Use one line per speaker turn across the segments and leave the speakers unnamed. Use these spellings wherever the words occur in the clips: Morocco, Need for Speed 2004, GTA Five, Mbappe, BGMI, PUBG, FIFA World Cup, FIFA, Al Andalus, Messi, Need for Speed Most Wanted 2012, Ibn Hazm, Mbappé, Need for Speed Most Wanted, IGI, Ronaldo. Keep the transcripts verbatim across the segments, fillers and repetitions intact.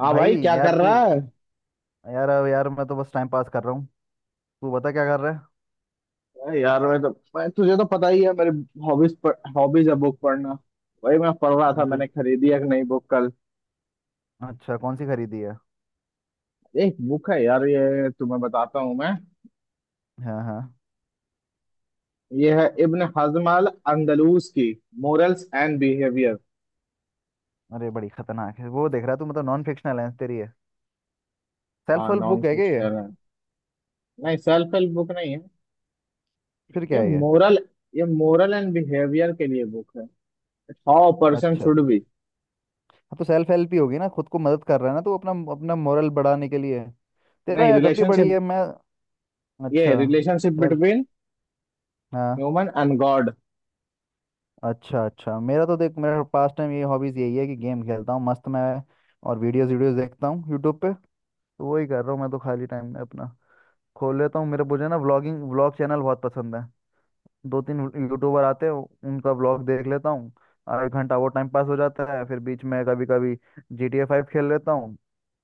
हाँ
भाई।
भाई, क्या
यार
कर
तू।
रहा है।
यार अब यार मैं तो बस टाइम पास कर रहा हूँ। तू बता क्या कर रहा है।
अरे यार, मैं तो... मैं तुझे तो पता ही है मेरी हॉबीज हॉबीज है बुक पढ़ना। वही मैं पढ़ रहा था।
मैं तुझ
मैंने खरीदी एक नई बुक कल।
अच्छा कौन सी खरीदी है।
एक बुक है यार, ये तुम्हें बताता हूँ मैं।
हाँ हाँ।
ये है इब्न हजम अल अंदलूस की, मोरल्स एंड बिहेवियर।
अरे बड़ी खतरनाक है वो देख रहा है तू। मतलब नॉन फिक्शनल है तेरी है।
हाँ,
सेल्फ हेल्प
नॉन
बुक है क्या ये।
फिक्शन है। नहीं, सेल्फ हेल्प बुक नहीं है।
फिर
ये
क्या है ये।
मोरल ये मोरल एंड बिहेवियर के लिए बुक है। हाउ पर्सन
अच्छा।
Should be.
हाँ तो सेल्फ हेल्प ही होगी ना खुद को मदद कर रहा है ना तू अपना अपना मोरल बढ़ाने के लिए। तेरा
नहीं,
यार जब भी बड़ी
रिलेशनशिप।
है मैं।
ये
अच्छा।
रिलेशनशिप
चल।
बिटवीन
हाँ।
Human and God.
अच्छा अच्छा मेरा तो देख मेरा पास टाइम ये हॉबीज यही है कि गेम खेलता हूँ मस्त मैं। और वीडियोस वीडियोस देखता हूँ यूट्यूब पे। तो वही कर रहा हूँ मैं तो खाली टाइम में अपना खोल लेता हूँ। मेरे मुझे ना व्लॉगिंग व्लॉग चैनल बहुत पसंद है। दो तीन यूट्यूबर आते हैं। उनका व्लॉग देख लेता हूँ। आधा घंटा वो टाइम पास हो जाता है। फिर बीच में कभी कभी जी टी ए फाइव खेल लेता हूँ।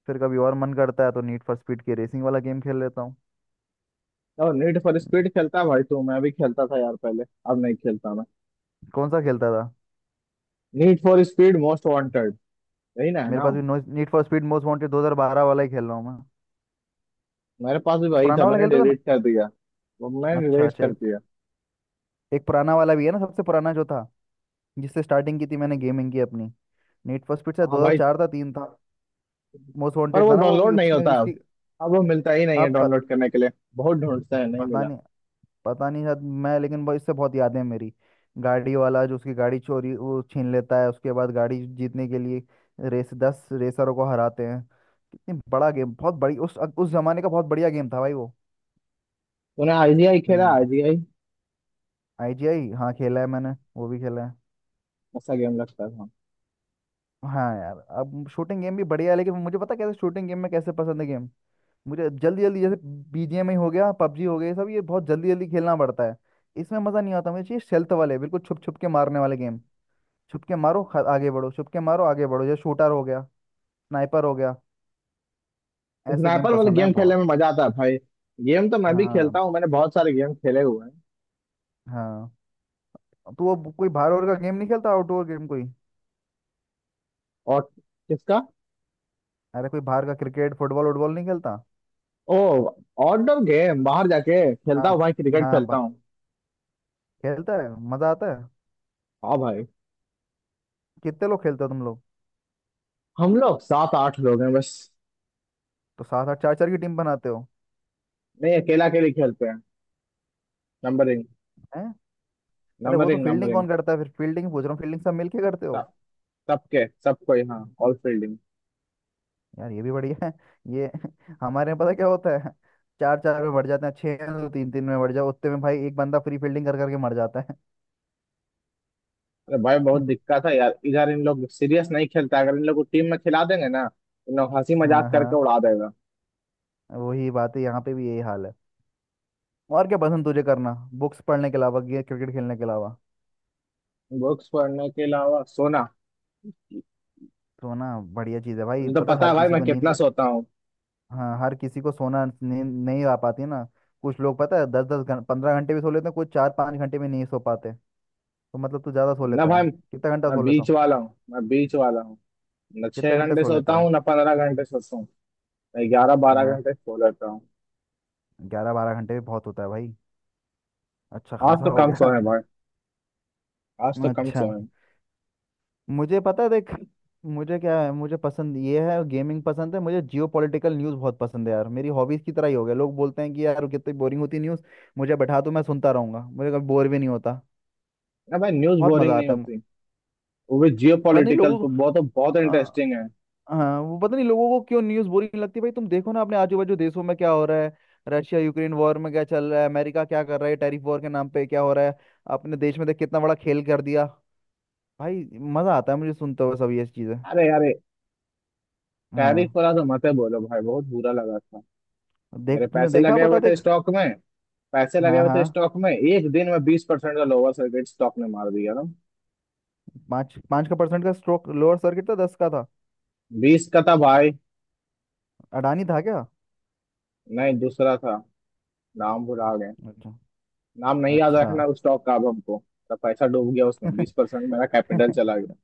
फिर कभी और मन करता है तो नीड फॉर स्पीड की रेसिंग वाला गेम खेल लेता हूँ।
और नीड फॉर
हम्म,
स्पीड खेलता है भाई तू? मैं भी खेलता था यार पहले। अब नहीं खेलता मैं।
कौन सा खेलता था।
Need for speed most wanted, यही ना है
मेरे पास
नाम?
भी need for speed most wanted दो हज़ार बारह वाला ही खेल रहा हूँ मैं।
मेरे पास भी
तो
वही था,
पुराना वाला
मैंने
खेलता था ना।
डिलीट कर दिया। वो मैंने
अच्छा
डिलीट
अच्छा।
कर
एक
दिया।
एक पुराना वाला भी है ना सबसे पुराना जो था जिससे स्टार्टिंग की थी मैंने गेमिंग की अपनी। नीड फॉर स्पीड से
हाँ भाई।
दो हज़ार चार था तीन था। मोस्ट
पर
वांटेड
वो
था ना वो भी
डाउनलोड नहीं
उसमें
होता अब।
उसकी।
अब वो मिलता ही नहीं है
आप पत,
डाउनलोड करने के लिए। बहुत ढूंढता है, नहीं
पता
मिला।
नहीं। पता नहीं शायद। मैं लेकिन वो इससे बहुत यादें हैं मेरी। गाड़ी वाला जो उसकी गाड़ी चोरी वो छीन लेता है उसके बाद गाड़ी जीतने के लिए रेस दस रेसरों को हराते हैं। कितनी बड़ा गेम। बहुत बड़ी उस उस जमाने का बहुत बढ़िया गेम था भाई वो।
तूने आईजीआई खेला,
हम्म।
आईजीआई?
आईजीआई हाँ खेला है मैंने। वो भी खेला है।
ऐसा गेम लगता था।
हाँ यार अब शूटिंग गेम भी बढ़िया है लेकिन मुझे पता कैसे शूटिंग गेम में कैसे पसंद है गेम। मुझे जल्दी जल्दी जैसे बीजीएमआई हो गया पबजी हो गया ये सब ये बहुत जल्दी जल्दी खेलना पड़ता है। इसमें मज़ा नहीं आता। मुझे चाहिए stealth वाले बिल्कुल छुप छुप के मारने वाले गेम। छुपके मारो ख- आगे बढ़ो छुपके मारो आगे बढ़ो जैसे शूटर हो गया स्नाइपर हो गया। ऐसे गेम
स्नाइपर वाले
पसंद है
गेम खेलने
बहुत।
में मजा आता है भाई। गेम तो मैं भी खेलता
हाँ।
हूँ, मैंने बहुत सारे गेम खेले हुए हैं।
हाँ। तो वो ब- कोई बाहर और का गेम नहीं खेलता आउटडोर गेम कोई।
और... किसका?
अरे कोई बाहर का क्रिकेट फुटबॉल वुटबॉल नहीं खेलता।
ओ, आउटडोर गेम बाहर जाके खेलता
हाँ।
हूँ भाई, क्रिकेट
हाँ
खेलता
बा-
हूँ।
खेलता है मजा आता है।
हाँ भाई।
कितने लोग खेलते हो तुम लोग।
हम लोग सात आठ लोग हैं बस।
तो सात आठ चार चार की टीम बनाते हो।
नहीं, अकेला अकेले खेलते हैं। नंबरिंग
हैं। अरे वो तो
नंबरिंग
फील्डिंग
नंबरिंग।
कौन करता है फिर। फील्डिंग पूछ रहा हूँ। फील्डिंग सब मिलके करते हो।
सब। सबके सबको ही, हाँ, ऑल फील्डिंग।
यार ये भी बढ़िया है ये हमारे यहाँ पता क्या होता है। चार चार में बढ़ जाते हैं छह हैं तो तीन तीन में बढ़ जाओ। उतने में भाई एक बंदा फ्री फील्डिंग कर करके मर जाता
अरे भाई, बहुत
है।
दिक्कत है यार। इधर इन लोग सीरियस नहीं खेलता। अगर इन लोग को टीम में खिला देंगे ना, इन लोग हंसी मजाक
हाँ हाँ।
करके उड़ा देगा।
वही बात है यहाँ पे भी यही हाल है। और क्या पसंद तुझे करना बुक्स पढ़ने के अलावा या क्रिकेट खेलने के अलावा।
बुक्स पढ़ने के अलावा सोना।
सोना। बढ़िया चीज़ है भाई।
तुझे तो
पता है
पता
हर
है भाई
किसी
मैं
को नींद।
कितना सोता हूँ।
हाँ हर किसी को सोना नींद नहीं आ पाती है ना। कुछ लोग पता है दस दस घंटे पंद्रह घंटे भी सो लेते हैं कुछ चार पाँच घंटे भी नहीं सो पाते। तो मतलब तू ज़्यादा सो
ना
लेता
भाई।
है। कितना घंटा
मैं
सो लेता
बीच
हूँ।
वाला हूँ। मैं बीच वाला हूँ। न छह
कितने घंटे
घंटे
सो
सोता
लेता है।
हूँ, ना पंद्रह घंटे सोता हूँ। मैं ग्यारह बारह
हाँ
घंटे सो लेता हूँ।
ग्यारह बारह घंटे भी बहुत होता है भाई। अच्छा
आज
खासा
तो
हो
कम
गया।
सोए भाई। आज तो कम
अच्छा।
सोए।
मुझे पता है देख। मुझे क्या है मुझे पसंद ये है। गेमिंग पसंद है। मुझे जियो पॉलिटिकल न्यूज़ बहुत पसंद है यार। मेरी हॉबीज़ की तरह ही हो गया। लोग बोलते हैं कि यार कितनी बोरिंग होती न्यूज़। मुझे बैठा दो मैं सुनता रहूंगा मुझे कभी बोर भी नहीं होता।
अरे भाई, न्यूज
बहुत
बोरिंग
मज़ा
नहीं
आता है।
होती। वो भी जियो
पता नहीं
पॉलिटिकल
लोगों
तो
को।
बहुत बहुत
अ,
इंटरेस्टिंग है।
हाँ वो पता नहीं लोगों को क्यों न्यूज़ बोरिंग लगती है भाई। तुम देखो ना अपने आजू बाजू देशों में क्या हो रहा है। रशिया यूक्रेन वॉर में क्या चल रहा है। अमेरिका क्या कर रहा है टैरिफ वॉर के नाम पे क्या हो रहा है। अपने देश में देख कितना बड़ा खेल कर दिया भाई। मज़ा आता है मुझे सुनते हुए सब ये चीज़ें।
अरे अरे,
हाँ।
टैरिफ वाला तो मत ही बोलो भाई, बहुत बुरा लगा था।
देख
मेरे
तुमने
पैसे
देखा
लगे
पता
हुए थे
देख।
स्टॉक में। पैसे लगे
हाँ
हुए थे
हाँ।
स्टॉक में, एक दिन में बीस परसेंट का लोअर सर्किट स्टॉक ने मार दिया ना।
पाँच पाँच का परसेंट का स्ट्रोक लोअर सर्किट था दस का था।
बीस का था भाई।
अडानी था क्या।
नहीं, दूसरा था। नाम भुला गए।
अच्छा।
नाम नहीं याद
अच्छा।
रखना उस स्टॉक का अब हमको। तो पैसा डूब गया उसमें, बीस परसेंट मेरा कैपिटल चला गया।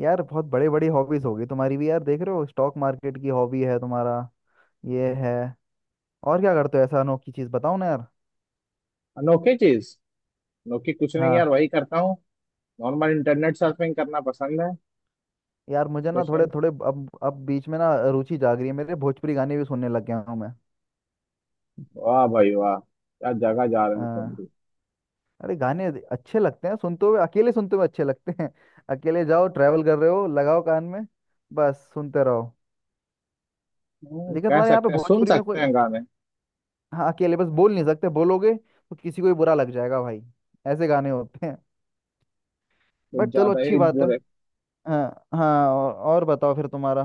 यार बहुत बड़े बड़ी हॉबीज होगी तुम्हारी भी। यार देख रहे हो स्टॉक मार्केट की हॉबी है तुम्हारा। ये है। और क्या करते हो ऐसा अनोखी चीज बताओ ना यार।
अनोखी चीज अनोखी कुछ नहीं यार,
हाँ
वही करता हूँ। नॉर्मल इंटरनेट सर्फिंग करना पसंद
यार मुझे ना
है।
थोड़े थोड़े अब अब बीच में ना रुचि जाग रही है मेरे। भोजपुरी गाने भी सुनने लग गया हूँ मैं।
वाह भाई वाह, क्या जगह जा रहे
अ,
हो तुम भी।
अरे गाने अच्छे लगते हैं सुनते हुए अकेले सुनते हुए अच्छे लगते हैं अकेले जाओ ट्रैवल कर रहे हो लगाओ कान में बस सुनते रहो।
हम्म,
लेकिन
कह
तुम्हारे यहाँ पे
सकते हैं, सुन
भोजपुरी में
सकते
कोई।
हैं गाने।
हाँ अकेले बस बोल नहीं सकते बोलोगे तो किसी को भी बुरा लग जाएगा भाई। ऐसे गाने होते हैं।
कुछ
बट चलो
ज्यादा
अच्छी
ही
बात है।
बुरे।
हाँ हाँ। और, और बताओ फिर तुम्हारा।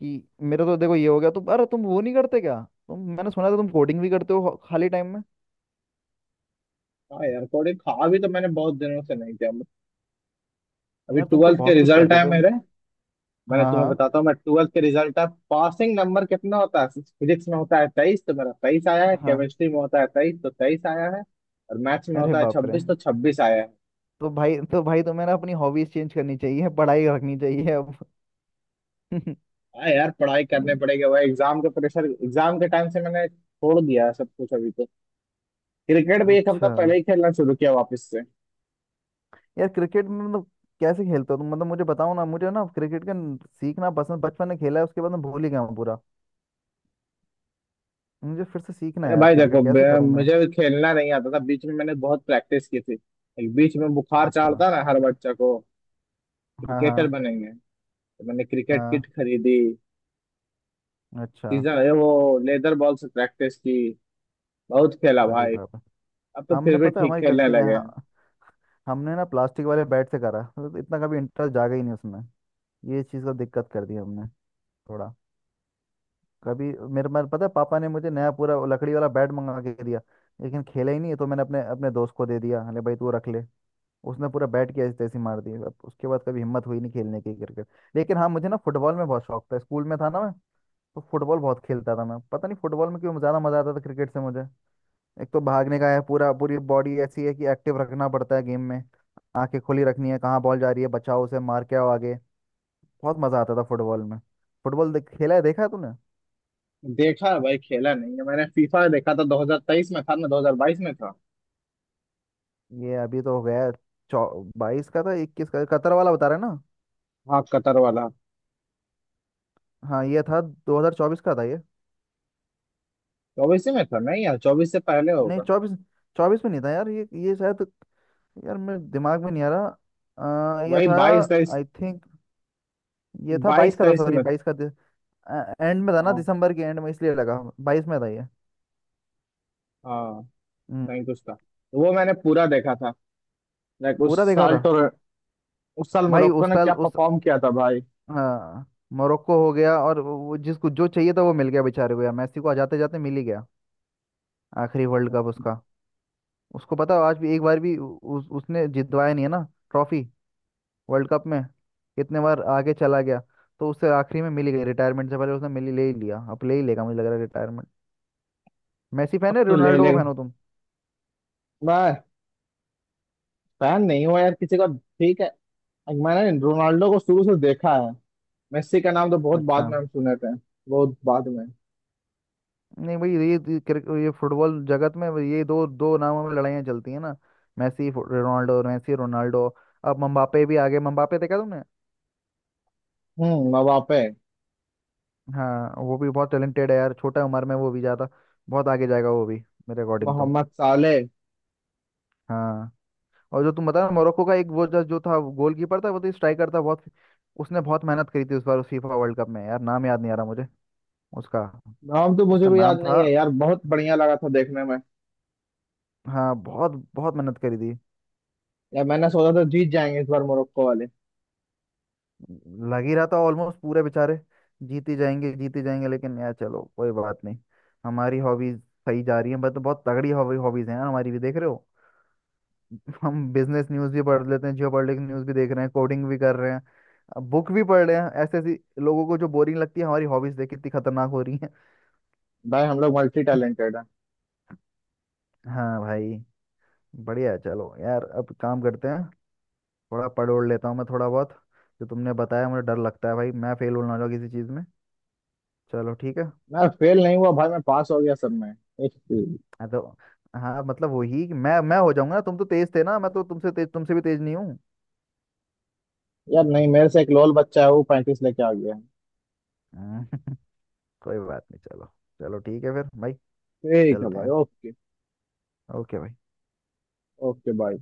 कि मेरा तो देखो ये हो गया। तुम अरे तुम वो नहीं करते क्या। तुम मैंने सुना था तुम कोडिंग भी करते हो खाली टाइम में।
हाँ यार, थोड़ी खा भी, तो मैंने बहुत दिनों से नहीं किया। अभी
यार तुम तो
ट्वेल्थ के
बहुत कुछ
रिजल्ट
करते
है
थे।
मेरे। मैंने
हाँ।
तुम्हें
हाँ।
बताता हूँ मैं, ट्वेल्थ के रिजल्ट है। पासिंग नंबर कितना होता है? फिजिक्स में होता है तेईस, तो मेरा तेईस आया है।
हाँ।
केमिस्ट्री में होता है तेईस, तो तेईस आया है। और मैथ्स में
अरे
होता है
बाप रे।
छब्बीस, तो छब्बीस आया है।
तो भाई तो भाई तुम्हें ना अपनी हॉबीज चेंज करनी चाहिए पढ़ाई रखनी चाहिए अब।
हाँ यार, पढ़ाई करने
हम्म,
पड़ेगी। वह एग्जाम के प्रेशर, एग्जाम के टाइम से मैंने छोड़ दिया है सब कुछ अभी तो। क्रिकेट भी एक हफ्ता
अच्छा।
पहले ही खेलना शुरू किया वापस से।
यार क्रिकेट में मतलब कैसे खेलते हो तुम मतलब मुझे बताओ ना। मुझे ना क्रिकेट का न- सीखना पसंद। बचपन में खेला है उसके बाद मैं भूल ही गया हूँ पूरा। मुझे फिर से सीखना है
अरे
यार।
भाई
क्रिकेट
देखो, बे-
कैसे करूँ मैं।
मुझे खेलना नहीं आता था। बीच में मैंने बहुत प्रैक्टिस की थी। एक बीच में बुखार
अच्छा।
चढ़ता ना हर बच्चा को,
हाँ
क्रिकेटर
हाँ।
बनेंगे। तो मैंने क्रिकेट
हाँ।
किट खरीदी।
अच्छा।
सीजन ये वो लेदर बॉल से प्रैक्टिस की। बहुत खेला
अरे
भाई।
बाबा।
अब तो
हमने
फिर भी
पता है
ठीक
हमारी
खेलने
गलती क्या
लगे
है?
हैं।
हाँ। हमने ना प्लास्टिक वाले बैट से करा मतलब इतना कभी इंटरेस्ट जागा ही नहीं उसमें। ये चीज़ का दिक्कत कर दी हमने। थोड़ा। कभी। मेरे मेरे पता है पापा ने मुझे नया पूरा लकड़ी वाला बैट मंगा के दिया। लेकिन खेला ही नहीं तो मैंने अपने अपने दोस्त को दे दिया अरे भाई तू रख ले। उसने पूरा बैट की ऐसी तैसी मार दी। अब उसके बाद कभी हिम्मत हुई नहीं खेलने की क्रिकेट। लेकिन हाँ मुझे ना फुटबॉल में बहुत शौक था स्कूल में था ना मैं। तो फुटबॉल बहुत खेलता था मैं। पता नहीं फुटबॉल में क्यों ज्यादा मजा आता था क्रिकेट से मुझे। एक तो भागने का है पूरा। पूरी बॉडी ऐसी है कि एक्टिव रखना पड़ता है गेम में। आंखें खुली रखनी है कहाँ बॉल जा रही है बचाओ उसे मार के आओ आगे। बहुत मजा आता था फुटबॉल में। फुटबॉल देख, खेला है देखा है तूने।
देखा है भाई, खेला नहीं है। मैंने फीफा देखा था दो हज़ार तेईस में था ना, दो हज़ार बाईस में था।
ये अभी तो हो गया। चौ बाईस का था। इक्कीस का कतर वाला बता रहे हैं ना।
हाँ, कतर वाला।
हाँ ये था दो हजार चौबीस का था ये।
चौबीस में था नहीं यार, चौबीस से पहले
नहीं
होगा।
चौबीस। चौबीस में नहीं था यार ये ये शायद। यार मेरे दिमाग में नहीं आ रहा। अ, ये
वही
था
बाईस तेईस।
I think. ये था
बाईस
बाईस का था
तेईस
सॉरी
में।
बाईस का। एंड में था ना
हाँ
दिसंबर के एंड में इसलिए लगा। बाईस में था ये।
हाँ।
हम्म,
कहीं कुछ था तो वो मैंने पूरा देखा था। लाइक उस
पूरा देखा
साल
था।
तो... उस साल
भाई
मोरक्को
उस
ने
साल
क्या
उस।
परफॉर्म किया था भाई।
हाँ। मोरक्को हो गया और वो जिसको जो चाहिए था वो मिल गया बेचारे को। यार मैसी को जाते जाते मिल ही गया आखिरी वर्ल्ड कप उसका। उसको पता आज भी एक बार भी उ- उस उसने जितवाया नहीं है ना ट्रॉफी वर्ल्ड कप में। कितने बार आगे चला गया। तो उससे आखिरी में मिल ही गई रिटायरमेंट से पहले। उसने मिल ही ले ही लिया अब ले ही लेगा मुझे लग रहा है। मैसी
अब
फैन है
तो ले ले।
रोनाल्डो को फैन हो तुम।
मैं... फैन नहीं हुआ यार किसी का, ठीक है। मैंने रोनाल्डो को शुरू से देखा है। मेस्सी का नाम तो बहुत बाद
अच्छा।
में हम सुने थे। बहुत बाद में।
नहीं भाई ये ये क्रिक- ये फुटबॉल जगत में ये दो दो नामों में लड़ाइयाँ चलती हैं ना। मैसी फु- रोनाल्डो मैसी रोनाल्डो। अब मम्बापे भी आगे। मम्बापे देखा तुमने।
हम्म, मवापे।
हाँ वो भी बहुत टैलेंटेड है यार छोटा उम्र में वो भी ज़्यादा। बहुत आगे जाएगा वो भी मेरे अकॉर्डिंग तो।
मोहम्मद साले।
हाँ। और जो तुम बता रहे हो, मोरक्को का एक वो जो जो था गोलकीपर था वो तो स्ट्राइकर था बहुत। उसने बहुत मेहनत करी थी उस बार उस फीफा वर्ल्ड कप में। यार नाम याद नहीं आ रहा मुझे उसका।
नाम तो मुझे
उसका
भी
नाम
याद नहीं
था।
है यार। बहुत बढ़िया लगा था देखने में।
हाँ बहुत बहुत मेहनत करी थी।
यार, मैंने सोचा था जीत जाएंगे इस बार मोरक्को वाले।
लग ही रहा था ऑलमोस्ट पूरे बेचारे जीत ही जाएंगे जीत ही जाएंगे लेकिन यार चलो कोई बात नहीं। हमारी हॉबीज सही जा रही है बट बहुत तगड़ी हॉबी हॉबीज हैं यार हमारी भी देख रहे हो हम बिजनेस न्यूज भी पढ़ लेते हैं जियोपॉलिटिक्स न्यूज भी देख रहे हैं कोडिंग भी कर रहे हैं बुक भी पढ़ रहे हैं। ऐसे ऐसी लोगों को जो बोरिंग लगती है हमारी हॉबीज देख कितनी खतरनाक हो रही है।
भाई, हम लोग मल्टी टैलेंटेड है।
हाँ भाई। बढ़िया है चलो यार अब काम करते हैं। थोड़ा पढ़ ओढ़ लेता हूँ मैं थोड़ा बहुत। जो तुमने बताया मुझे डर लगता है भाई मैं फेल हो ना हो जाऊँ किसी चीज़ में। चलो ठीक है।
मैं फेल नहीं हुआ भाई, मैं पास हो गया सब में। एक-
हाँ तो। हाँ मतलब वही कि मैं मैं हो जाऊंगा ना। तुम तो तेज थे ना मैं तो तुमसे तेज तुमसे भी तेज नहीं हूँ।
यार नहीं, मेरे से एक लोल बच्चा है, वो पैंतीस लेके आ गया।
हम्म। कोई बात नहीं चलो। चलो ठीक है फिर भाई।
ठीक है
चलते
भाई,
हैं।
ओके।
ओके भाई।
Okay, bye.